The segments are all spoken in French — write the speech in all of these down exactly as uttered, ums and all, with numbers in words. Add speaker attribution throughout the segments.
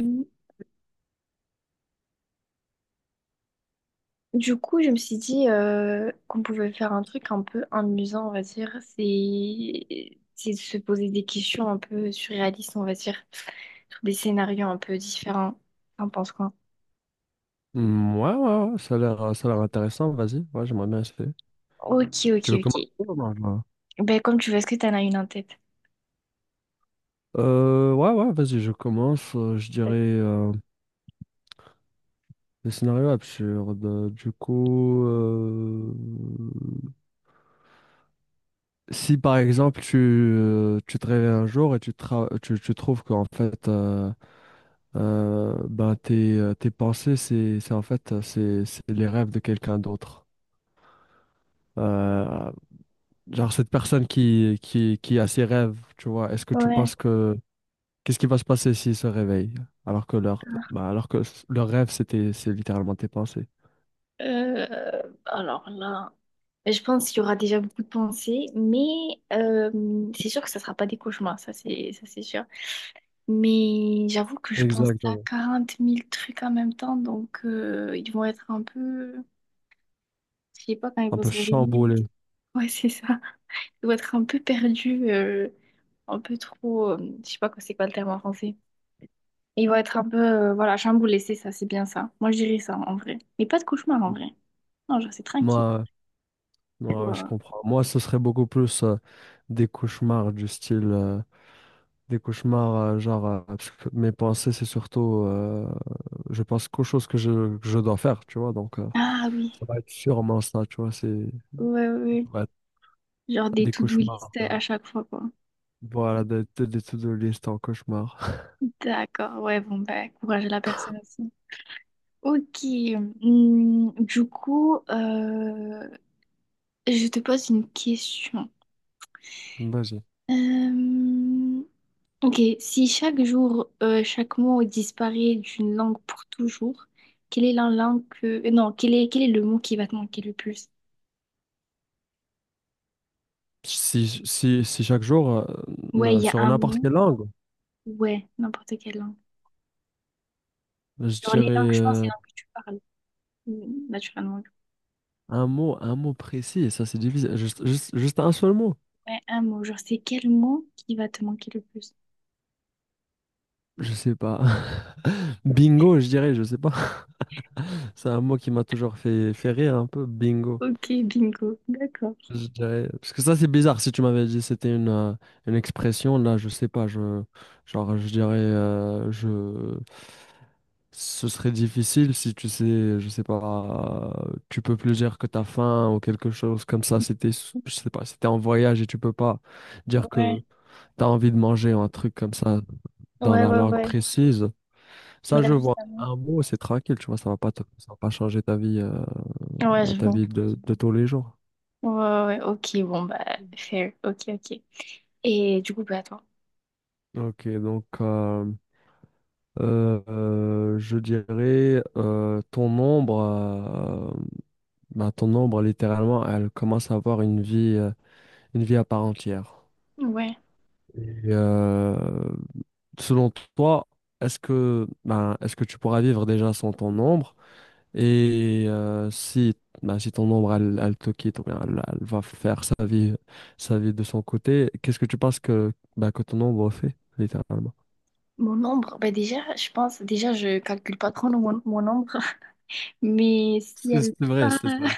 Speaker 1: Mm. Du coup, je me suis dit euh, qu'on pouvait faire un truc un peu amusant, on va dire. C'est c'est de se poser des questions un peu surréalistes, on va dire, sur des scénarios un peu différents. T'en penses quoi?
Speaker 2: Hmm, ouais, ouais, ouais, ça a l'air, euh, ça a l'air intéressant, vas-y, ouais, j'aimerais bien essayer.
Speaker 1: Ok, ok,
Speaker 2: Tu veux
Speaker 1: ok.
Speaker 2: commencer? Ou non, non.
Speaker 1: Ben, comme tu veux, est-ce que t'en as une en tête?
Speaker 2: Euh, ouais, ouais, vas-y, je commence, euh, je dirais euh, des scénarios absurdes. Euh, Du coup, euh, si par exemple tu, euh, tu te réveilles un jour et tu, tra- tu, tu trouves qu'en fait, euh, euh, ben, tes, euh, tes pensées, c'est, c'est en fait, euh, c'est, c'est les rêves de quelqu'un d'autre. Euh, genre cette personne qui, qui, qui a ses rêves, tu vois, est-ce que tu
Speaker 1: Ouais.
Speaker 2: penses que qu'est-ce qui va se passer s'ils se réveillent alors que leur, bah, alors que s- leur rêve, c'était, c'est littéralement tes pensées.
Speaker 1: Euh, alors là, je pense qu'il y aura déjà beaucoup de pensées, mais euh, c'est sûr que ça sera pas des cauchemars, ça c'est ça c'est sûr. Mais j'avoue que je pense à
Speaker 2: Exactement.
Speaker 1: quarante mille trucs en même temps, donc euh, ils vont être un peu, je sais pas quand ils
Speaker 2: Un
Speaker 1: vont
Speaker 2: peu
Speaker 1: se réveiller.
Speaker 2: chamboulé.
Speaker 1: Ouais, c'est ça. Ils vont être un peu perdus, euh, un peu trop, euh, je sais pas quoi- c'est quoi le terme en français. Ils vont être un peu, euh, voilà, chamboulés, c'est ça, c'est bien ça. Moi, je dirais ça en vrai. Mais pas de cauchemar en vrai. Non, genre c'est tranquille.
Speaker 2: Moi,
Speaker 1: Genre,
Speaker 2: moi, je
Speaker 1: euh,
Speaker 2: comprends. Moi, ce serait beaucoup plus euh, des cauchemars du style, euh, des cauchemars euh, genre, euh, parce que mes pensées, c'est surtout, euh, je pense qu'aux choses que je, que je dois faire, tu vois. Donc, euh,
Speaker 1: ah oui,
Speaker 2: ça va être sûrement ça, tu vois. C'est
Speaker 1: ouais, ouais, ouais.
Speaker 2: Ça va être
Speaker 1: Genre des
Speaker 2: des
Speaker 1: to-do
Speaker 2: cauchemars.
Speaker 1: list
Speaker 2: euh,
Speaker 1: à chaque fois, quoi.
Speaker 2: Voilà, des, des, des to-do list en cauchemar.
Speaker 1: D'accord, ouais, bon, bah, courage à la personne aussi. Ok, hum, du coup, euh, je te pose une question.
Speaker 2: Vas-y.
Speaker 1: Euh, ok, si chaque jour, euh, chaque mot disparaît d'une langue pour toujours, quelle est la langue que... euh, non, quel est, quel est le mot qui va te manquer le plus?
Speaker 2: Si, si, si chaque jour, euh,
Speaker 1: Ouais,
Speaker 2: na-
Speaker 1: il y a
Speaker 2: sur
Speaker 1: un
Speaker 2: n'importe
Speaker 1: mot.
Speaker 2: quelle langue,
Speaker 1: Ouais, n'importe quelle langue.
Speaker 2: je
Speaker 1: Genre les
Speaker 2: dirais
Speaker 1: langues, je pense, les
Speaker 2: euh,
Speaker 1: langues que tu parles, hum, naturellement.
Speaker 2: un mot, un mot précis, et ça c'est difficile. Juste, juste, juste un seul mot,
Speaker 1: Ouais, un mot. Genre, c'est quel mot qui va te manquer le plus?
Speaker 2: je sais pas. Bingo, je dirais, je sais pas. C'est un mot qui m'a toujours fait, fait rire un peu, bingo.
Speaker 1: Ok, bingo, d'accord.
Speaker 2: Je dirais, parce que ça c'est bizarre, si tu m'avais dit c'était une, euh, une expression, là je sais pas, je, genre je dirais, euh, je, ce serait difficile si tu sais, je sais pas, tu peux plus dire que t'as faim ou quelque chose comme ça. C'était, je sais pas, c'était en voyage et tu peux pas dire que
Speaker 1: Ouais,
Speaker 2: t'as envie de manger ou un truc comme ça dans
Speaker 1: ouais,
Speaker 2: la
Speaker 1: ouais,
Speaker 2: langue
Speaker 1: ouais.
Speaker 2: précise.
Speaker 1: Mais
Speaker 2: Ça,
Speaker 1: là,
Speaker 2: je vois.
Speaker 1: justement.
Speaker 2: Un mot, c'est tranquille, tu vois, ça va pas te- ça va pas changer ta vie, euh,
Speaker 1: Ouais, je
Speaker 2: ta
Speaker 1: vois.
Speaker 2: vie de, de tous les jours.
Speaker 1: Ouais, ouais, ouais. Ok, bon, bah, fair. Ok, ok. Et du coup, bah, attends.
Speaker 2: Ok, donc euh, euh, euh, je dirais euh, ton ombre, euh, bah, ton ombre littéralement, elle commence à avoir une vie. Euh, une vie à part entière.
Speaker 1: Ouais.
Speaker 2: Et euh, selon toi, est-ce que, ben, est-ce que tu pourras vivre déjà sans ton ombre? Et euh, si, ben, si ton ombre, elle, elle te quitte, ou bien elle, elle va faire sa vie, sa vie de son côté, qu'est-ce que tu penses que, ben, que ton ombre fait, littéralement?
Speaker 1: Mon nombre, bah, déjà, je pense, déjà, je calcule pas trop le- mon, mon nombre. Mais si
Speaker 2: C'est c'est
Speaker 1: elle
Speaker 2: vrai,
Speaker 1: part,
Speaker 2: c'est vrai.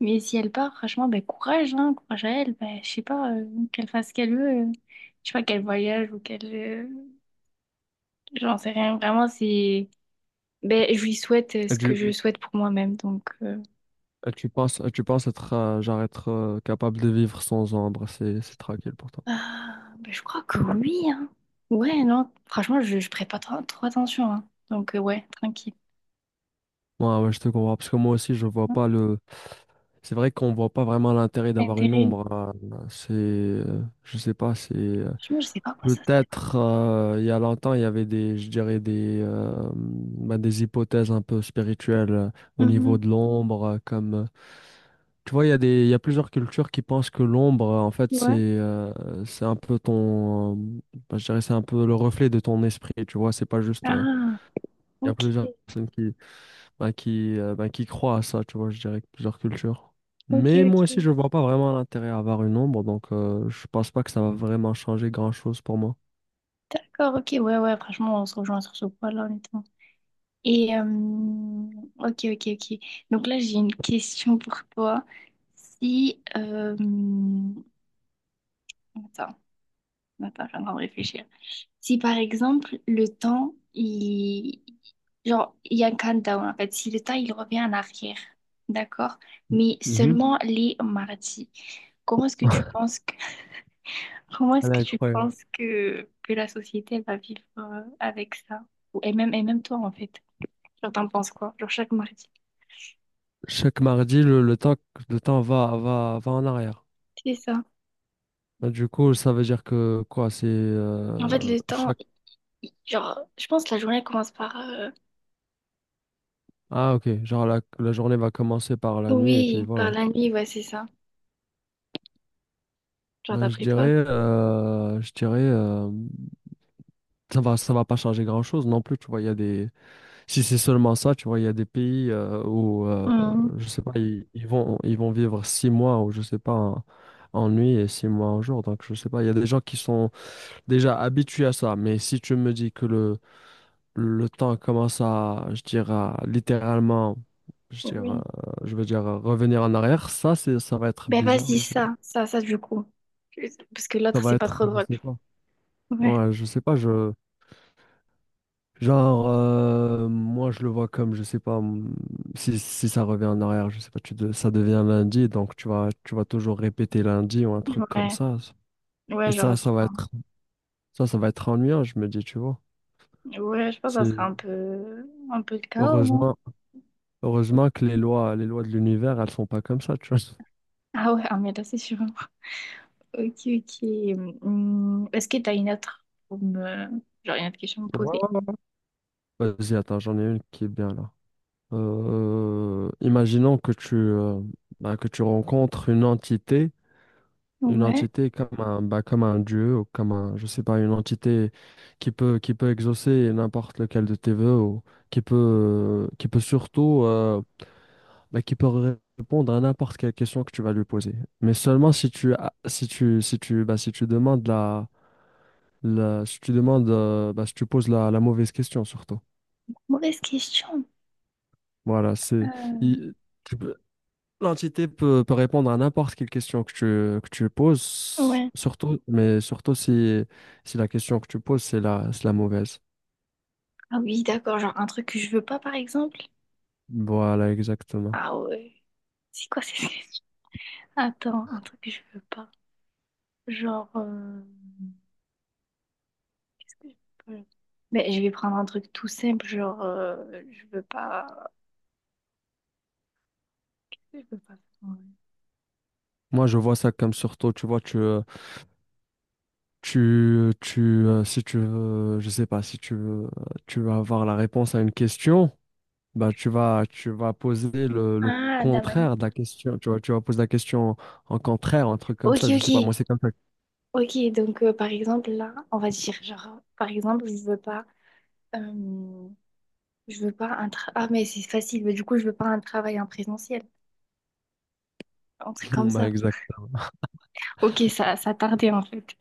Speaker 1: mais si elle part, franchement, bah, courage, hein, courage à elle. Bah, je sais pas, euh, qu'elle fasse ce qu'elle veut. Euh, je sais pas, qu'elle voyage ou qu'elle. Euh, j'en sais rien. Vraiment, c'est. Ben, je lui souhaite euh,
Speaker 2: Et
Speaker 1: ce que
Speaker 2: tu,
Speaker 1: je souhaite pour moi-même. Donc. euh,
Speaker 2: et tu penses, et tu penses être, euh, genre être euh, capable de vivre sans ombre, c'est, c'est tranquille pour toi.
Speaker 1: Ah, ben, je crois que oui, hein. Ouais, non, franchement, je, je prête pas trop, trop attention, hein. Donc, euh, ouais, tranquille.
Speaker 2: Ouais, ouais, je te comprends, parce que moi aussi, je vois
Speaker 1: Non,
Speaker 2: pas. Le C'est vrai qu'on voit pas vraiment l'intérêt d'avoir une
Speaker 1: intéressant.
Speaker 2: ombre, hein. C'est, euh, je sais pas, c'est euh,
Speaker 1: Franchement, je sais pas à quoi ça sert.
Speaker 2: Peut-être euh, il y a longtemps, il y avait des, je dirais des, euh, bah, des hypothèses un peu spirituelles euh, au
Speaker 1: Mhm.
Speaker 2: niveau de l'ombre, euh, comme euh, tu vois, il y a des, il y a plusieurs cultures qui pensent que l'ombre, euh, en fait, c'est,
Speaker 1: Ouais.
Speaker 2: euh, c'est un peu ton, euh, bah, je dirais, c'est un peu le reflet de ton esprit. Tu vois, c'est pas juste. euh,
Speaker 1: Ah,
Speaker 2: Il y a
Speaker 1: ok,
Speaker 2: plusieurs personnes qui bah, qui, euh, bah, qui croient à ça, tu vois, je dirais, que plusieurs cultures.
Speaker 1: ok,
Speaker 2: Mais moi aussi,
Speaker 1: ok.
Speaker 2: je vois pas vraiment l'intérêt à avoir une ombre, donc euh, je pense pas que ça va vraiment changer grand-chose pour moi.
Speaker 1: D'accord, ok, ouais, ouais, franchement, on se rejoint sur ce point-là, honnêtement. Et, euh, ok, ok, ok. Donc là, j'ai une question pour toi. Si, euh, attends, attends, je suis en train de réfléchir. Si par exemple le temps, il... genre, il y a un countdown en fait, si le temps il revient en arrière, d'accord? Mais
Speaker 2: Mhm.
Speaker 1: seulement les mardis. Comment est-ce que tu penses que... Comment est-ce
Speaker 2: Elle est
Speaker 1: que tu
Speaker 2: incroyable.
Speaker 1: penses que, que la société elle va vivre euh, avec ça? Ou- Et même, et même toi en fait. Genre t'en penses quoi? Genre chaque mardi.
Speaker 2: Chaque mardi, le, le temps, le temps va, va, va en arrière.
Speaker 1: C'est ça.
Speaker 2: Bah, du coup, ça veut dire que quoi, c'est
Speaker 1: En fait
Speaker 2: euh,
Speaker 1: le temps,
Speaker 2: chaque...
Speaker 1: il- genre je pense que la journée elle commence par euh,
Speaker 2: Ah, ok, genre la, la journée va commencer par la nuit et puis
Speaker 1: oui, par
Speaker 2: voilà.
Speaker 1: la nuit, ouais c'est ça. Genre
Speaker 2: Ben, je
Speaker 1: d'après
Speaker 2: dirais,
Speaker 1: toi.
Speaker 2: euh, je dirais, euh, ça va, ça va pas changer grand-chose non plus. Tu vois, il y a des, si c'est seulement ça, tu vois, il y a des pays euh, où, euh,
Speaker 1: Mhm.
Speaker 2: je sais pas, ils, ils vont, ils vont vivre six mois ou je sais pas, en, en nuit et six mois en jour. Donc, je sais pas, il y a des gens qui sont déjà habitués à ça. Mais si tu me dis que le, le temps commence à, je dirais, littéralement, je dirais,
Speaker 1: Oui.
Speaker 2: je veux dire, euh, revenir en arrière, ça, c'est, ça va être
Speaker 1: Ben
Speaker 2: bizarre,
Speaker 1: vas-y,
Speaker 2: je sais pas.
Speaker 1: ça, ça, ça du coup. Parce que
Speaker 2: Ça
Speaker 1: l'autre,
Speaker 2: va
Speaker 1: c'est pas
Speaker 2: être,
Speaker 1: trop
Speaker 2: je
Speaker 1: drôle.
Speaker 2: sais pas.
Speaker 1: Ouais.
Speaker 2: Ouais, je sais pas, je. Genre, euh, moi je le vois comme, je sais pas, mm, si, si ça revient en arrière, je sais pas, tu de- ça devient lundi, donc tu vas, tu vas toujours répéter lundi ou un truc comme
Speaker 1: Ouais,
Speaker 2: ça. Et
Speaker 1: ouais, genre,
Speaker 2: ça,
Speaker 1: je-
Speaker 2: ça va
Speaker 1: pense-
Speaker 2: être, ça, ça va être ennuyant, je me dis, tu vois.
Speaker 1: ouais, je pense que ça sera
Speaker 2: C'est
Speaker 1: un peu, un peu le chaos, non?
Speaker 2: heureusement, Heureusement que les lois, les lois de l'univers, elles sont pas comme ça, tu vois.
Speaker 1: Ah ouais, ah, mais là, c'est sûr. Ok, ok. Hum, est-ce que t'as une autre pour me... genre une autre question à me
Speaker 2: Ouais,
Speaker 1: poser?
Speaker 2: ouais, ouais. Vas-y, attends, j'en ai une qui est bien là. Euh, imaginons que tu, euh, bah, que tu rencontres une entité. Une
Speaker 1: Ouais.
Speaker 2: entité comme un, bah, comme un dieu ou comme un, je sais pas, une entité qui peut, qui peut exaucer n'importe lequel de tes vœux ou qui peut, qui peut surtout, euh, bah, qui peut ré- répondre à n'importe quelle question que tu vas lui poser. Mais seulement si tu, a- si tu, si tu, bah, si tu demandes la, la, si tu demandes, euh, bah, si tu poses la, la mauvaise question surtout.
Speaker 1: Mauvaise question.
Speaker 2: Voilà, c'est,
Speaker 1: Euh,
Speaker 2: il- l'entité peut, peut répondre à n'importe quelle question que tu, que tu poses,
Speaker 1: Ouais.
Speaker 2: surtout, mais surtout si, si la question que tu poses, c'est la, c'est la mauvaise.
Speaker 1: Ah oui, d'accord, genre un truc que je veux pas, par exemple?
Speaker 2: Voilà, exactement.
Speaker 1: Ah ouais. C'est quoi ces questions? Attends, un truc que je veux pas. Genre, euh, Qu'est-ce que je peux- Mais je vais prendre un truc tout simple, genre euh, je veux pas. Je veux pas. faire-
Speaker 2: Moi, je vois ça comme surtout, tu vois, tu, euh, tu, tu, euh, si tu veux, je sais pas, si tu veux, euh, tu vas avoir la réponse à une question, bah, tu vas, tu vas poser le, le
Speaker 1: Ah, Damani.
Speaker 2: contraire de la question, tu vois, tu vas poser la question en contraire, un truc comme
Speaker 1: Ok,
Speaker 2: ça, je sais pas,
Speaker 1: ok,
Speaker 2: moi, c'est comme ça.
Speaker 1: ok. Donc euh, par exemple là, on va dire genre par exemple je veux pas, euh, je veux pas un tra- ah mais c'est facile. Mais du coup je veux pas un travail en présentiel, un truc comme
Speaker 2: Bah,
Speaker 1: ça.
Speaker 2: exact.
Speaker 1: Ok, ça ça tardait en fait.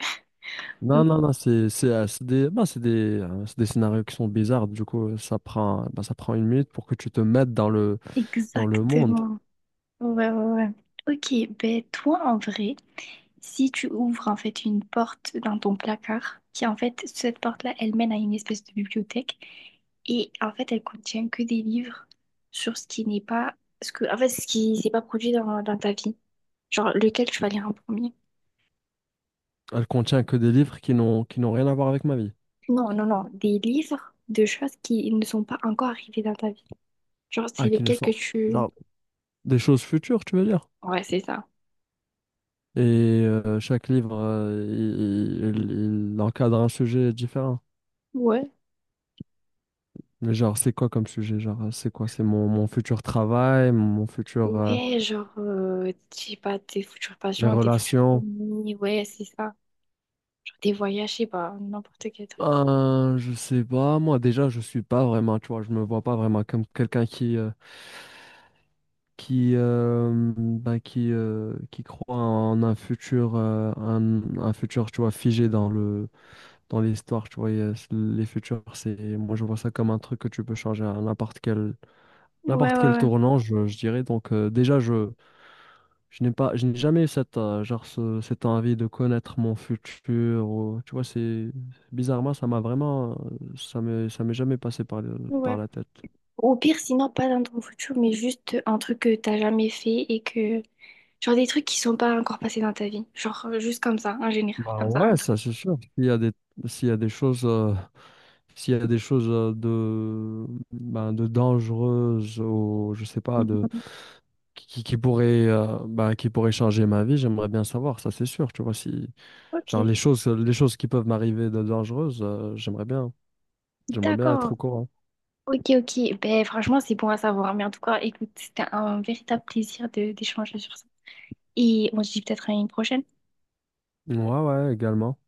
Speaker 2: Non, non, non, c'est c'est, euh, c'est des, bah, c'est des, euh, c'est des scénarios qui sont bizarres. Du coup, ça prend, bah, ça prend une minute pour que tu te mettes dans le, dans le monde.
Speaker 1: Exactement. Ouais ouais ouais. Ok, ben toi en vrai. Si tu ouvres en fait une porte dans ton placard, qui en fait, cette porte-là, elle mène à une espèce de bibliothèque et en fait, elle contient que des livres sur ce qui n'est pas, ce que, en fait, ce qui s'est pas produit dans, dans ta vie. Genre, lequel tu vas lire en premier?
Speaker 2: Elle contient que des livres qui n'ont, qui n'ont rien à voir avec ma vie.
Speaker 1: Non, non, non, des livres de choses qui ne sont pas encore arrivées dans ta vie. Genre, c'est
Speaker 2: Ah, qui ne
Speaker 1: lequel que
Speaker 2: sont,
Speaker 1: tu...
Speaker 2: genre, des choses futures, tu veux dire.
Speaker 1: Ouais, c'est ça.
Speaker 2: Et euh, chaque livre, euh, il, il- il encadre un sujet différent.
Speaker 1: Ouais.
Speaker 2: Mais genre, c'est quoi comme sujet? Genre, c'est quoi? C'est mon, mon futur travail, mon futur, euh,
Speaker 1: Ouais, genre, euh, je sais pas, tes futurs
Speaker 2: mes
Speaker 1: patients, tes futurs
Speaker 2: relations.
Speaker 1: amis, ouais, c'est ça. Genre, tes voyages, je sais pas, n'importe quel truc.
Speaker 2: Euh, je sais pas, moi déjà je suis pas vraiment, tu vois, je me vois pas vraiment comme quelqu'un qui euh, qui euh, ben, qui euh, qui croit en un futur euh, un, un futur tu vois figé dans le dans l'histoire, tu vois, et, euh, c- les futurs c'est moi je vois ça comme un truc que tu peux changer à n'importe quel
Speaker 1: Ouais,
Speaker 2: n'importe quel
Speaker 1: ouais, ouais.
Speaker 2: tournant, je, je dirais. Donc euh, déjà je Je n'ai pas, je n'ai jamais eu cette, euh, genre ce- cette envie de connaître mon futur. Ou- tu vois, c'est bizarrement, ça m'a vraiment, euh, ça m'est, ça m'est jamais passé par, le- par
Speaker 1: Ouais.
Speaker 2: la tête.
Speaker 1: Au pire, sinon, pas dans ton futur, mais juste un truc que t'as jamais fait et que. Genre des trucs qui sont pas encore passés dans ta vie. Genre euh, juste comme ça, en général,
Speaker 2: Bah
Speaker 1: comme ça, un
Speaker 2: ouais, ça
Speaker 1: truc.
Speaker 2: c'est sûr. S'il y a des, s'il y a des choses, euh, S'il y a des choses euh, de, ben, de dangereuses ou je sais pas, de
Speaker 1: Mhm.
Speaker 2: qui, qui pourraient, euh, ben, qui pourraient changer ma vie, j'aimerais bien savoir. Ça c'est sûr. Tu vois, si
Speaker 1: Ok,
Speaker 2: genre les choses, les choses qui peuvent m'arriver de dangereuses, euh, j'aimerais bien, j'aimerais bien être
Speaker 1: d'accord.
Speaker 2: au courant.
Speaker 1: Ok, ok. Ben, franchement, c'est bon à savoir. Mais en tout cas, écoute, c'était un véritable plaisir de d'échanger sur ça. Et on se dit peut-être à une prochaine.
Speaker 2: Ouais, ouais, également.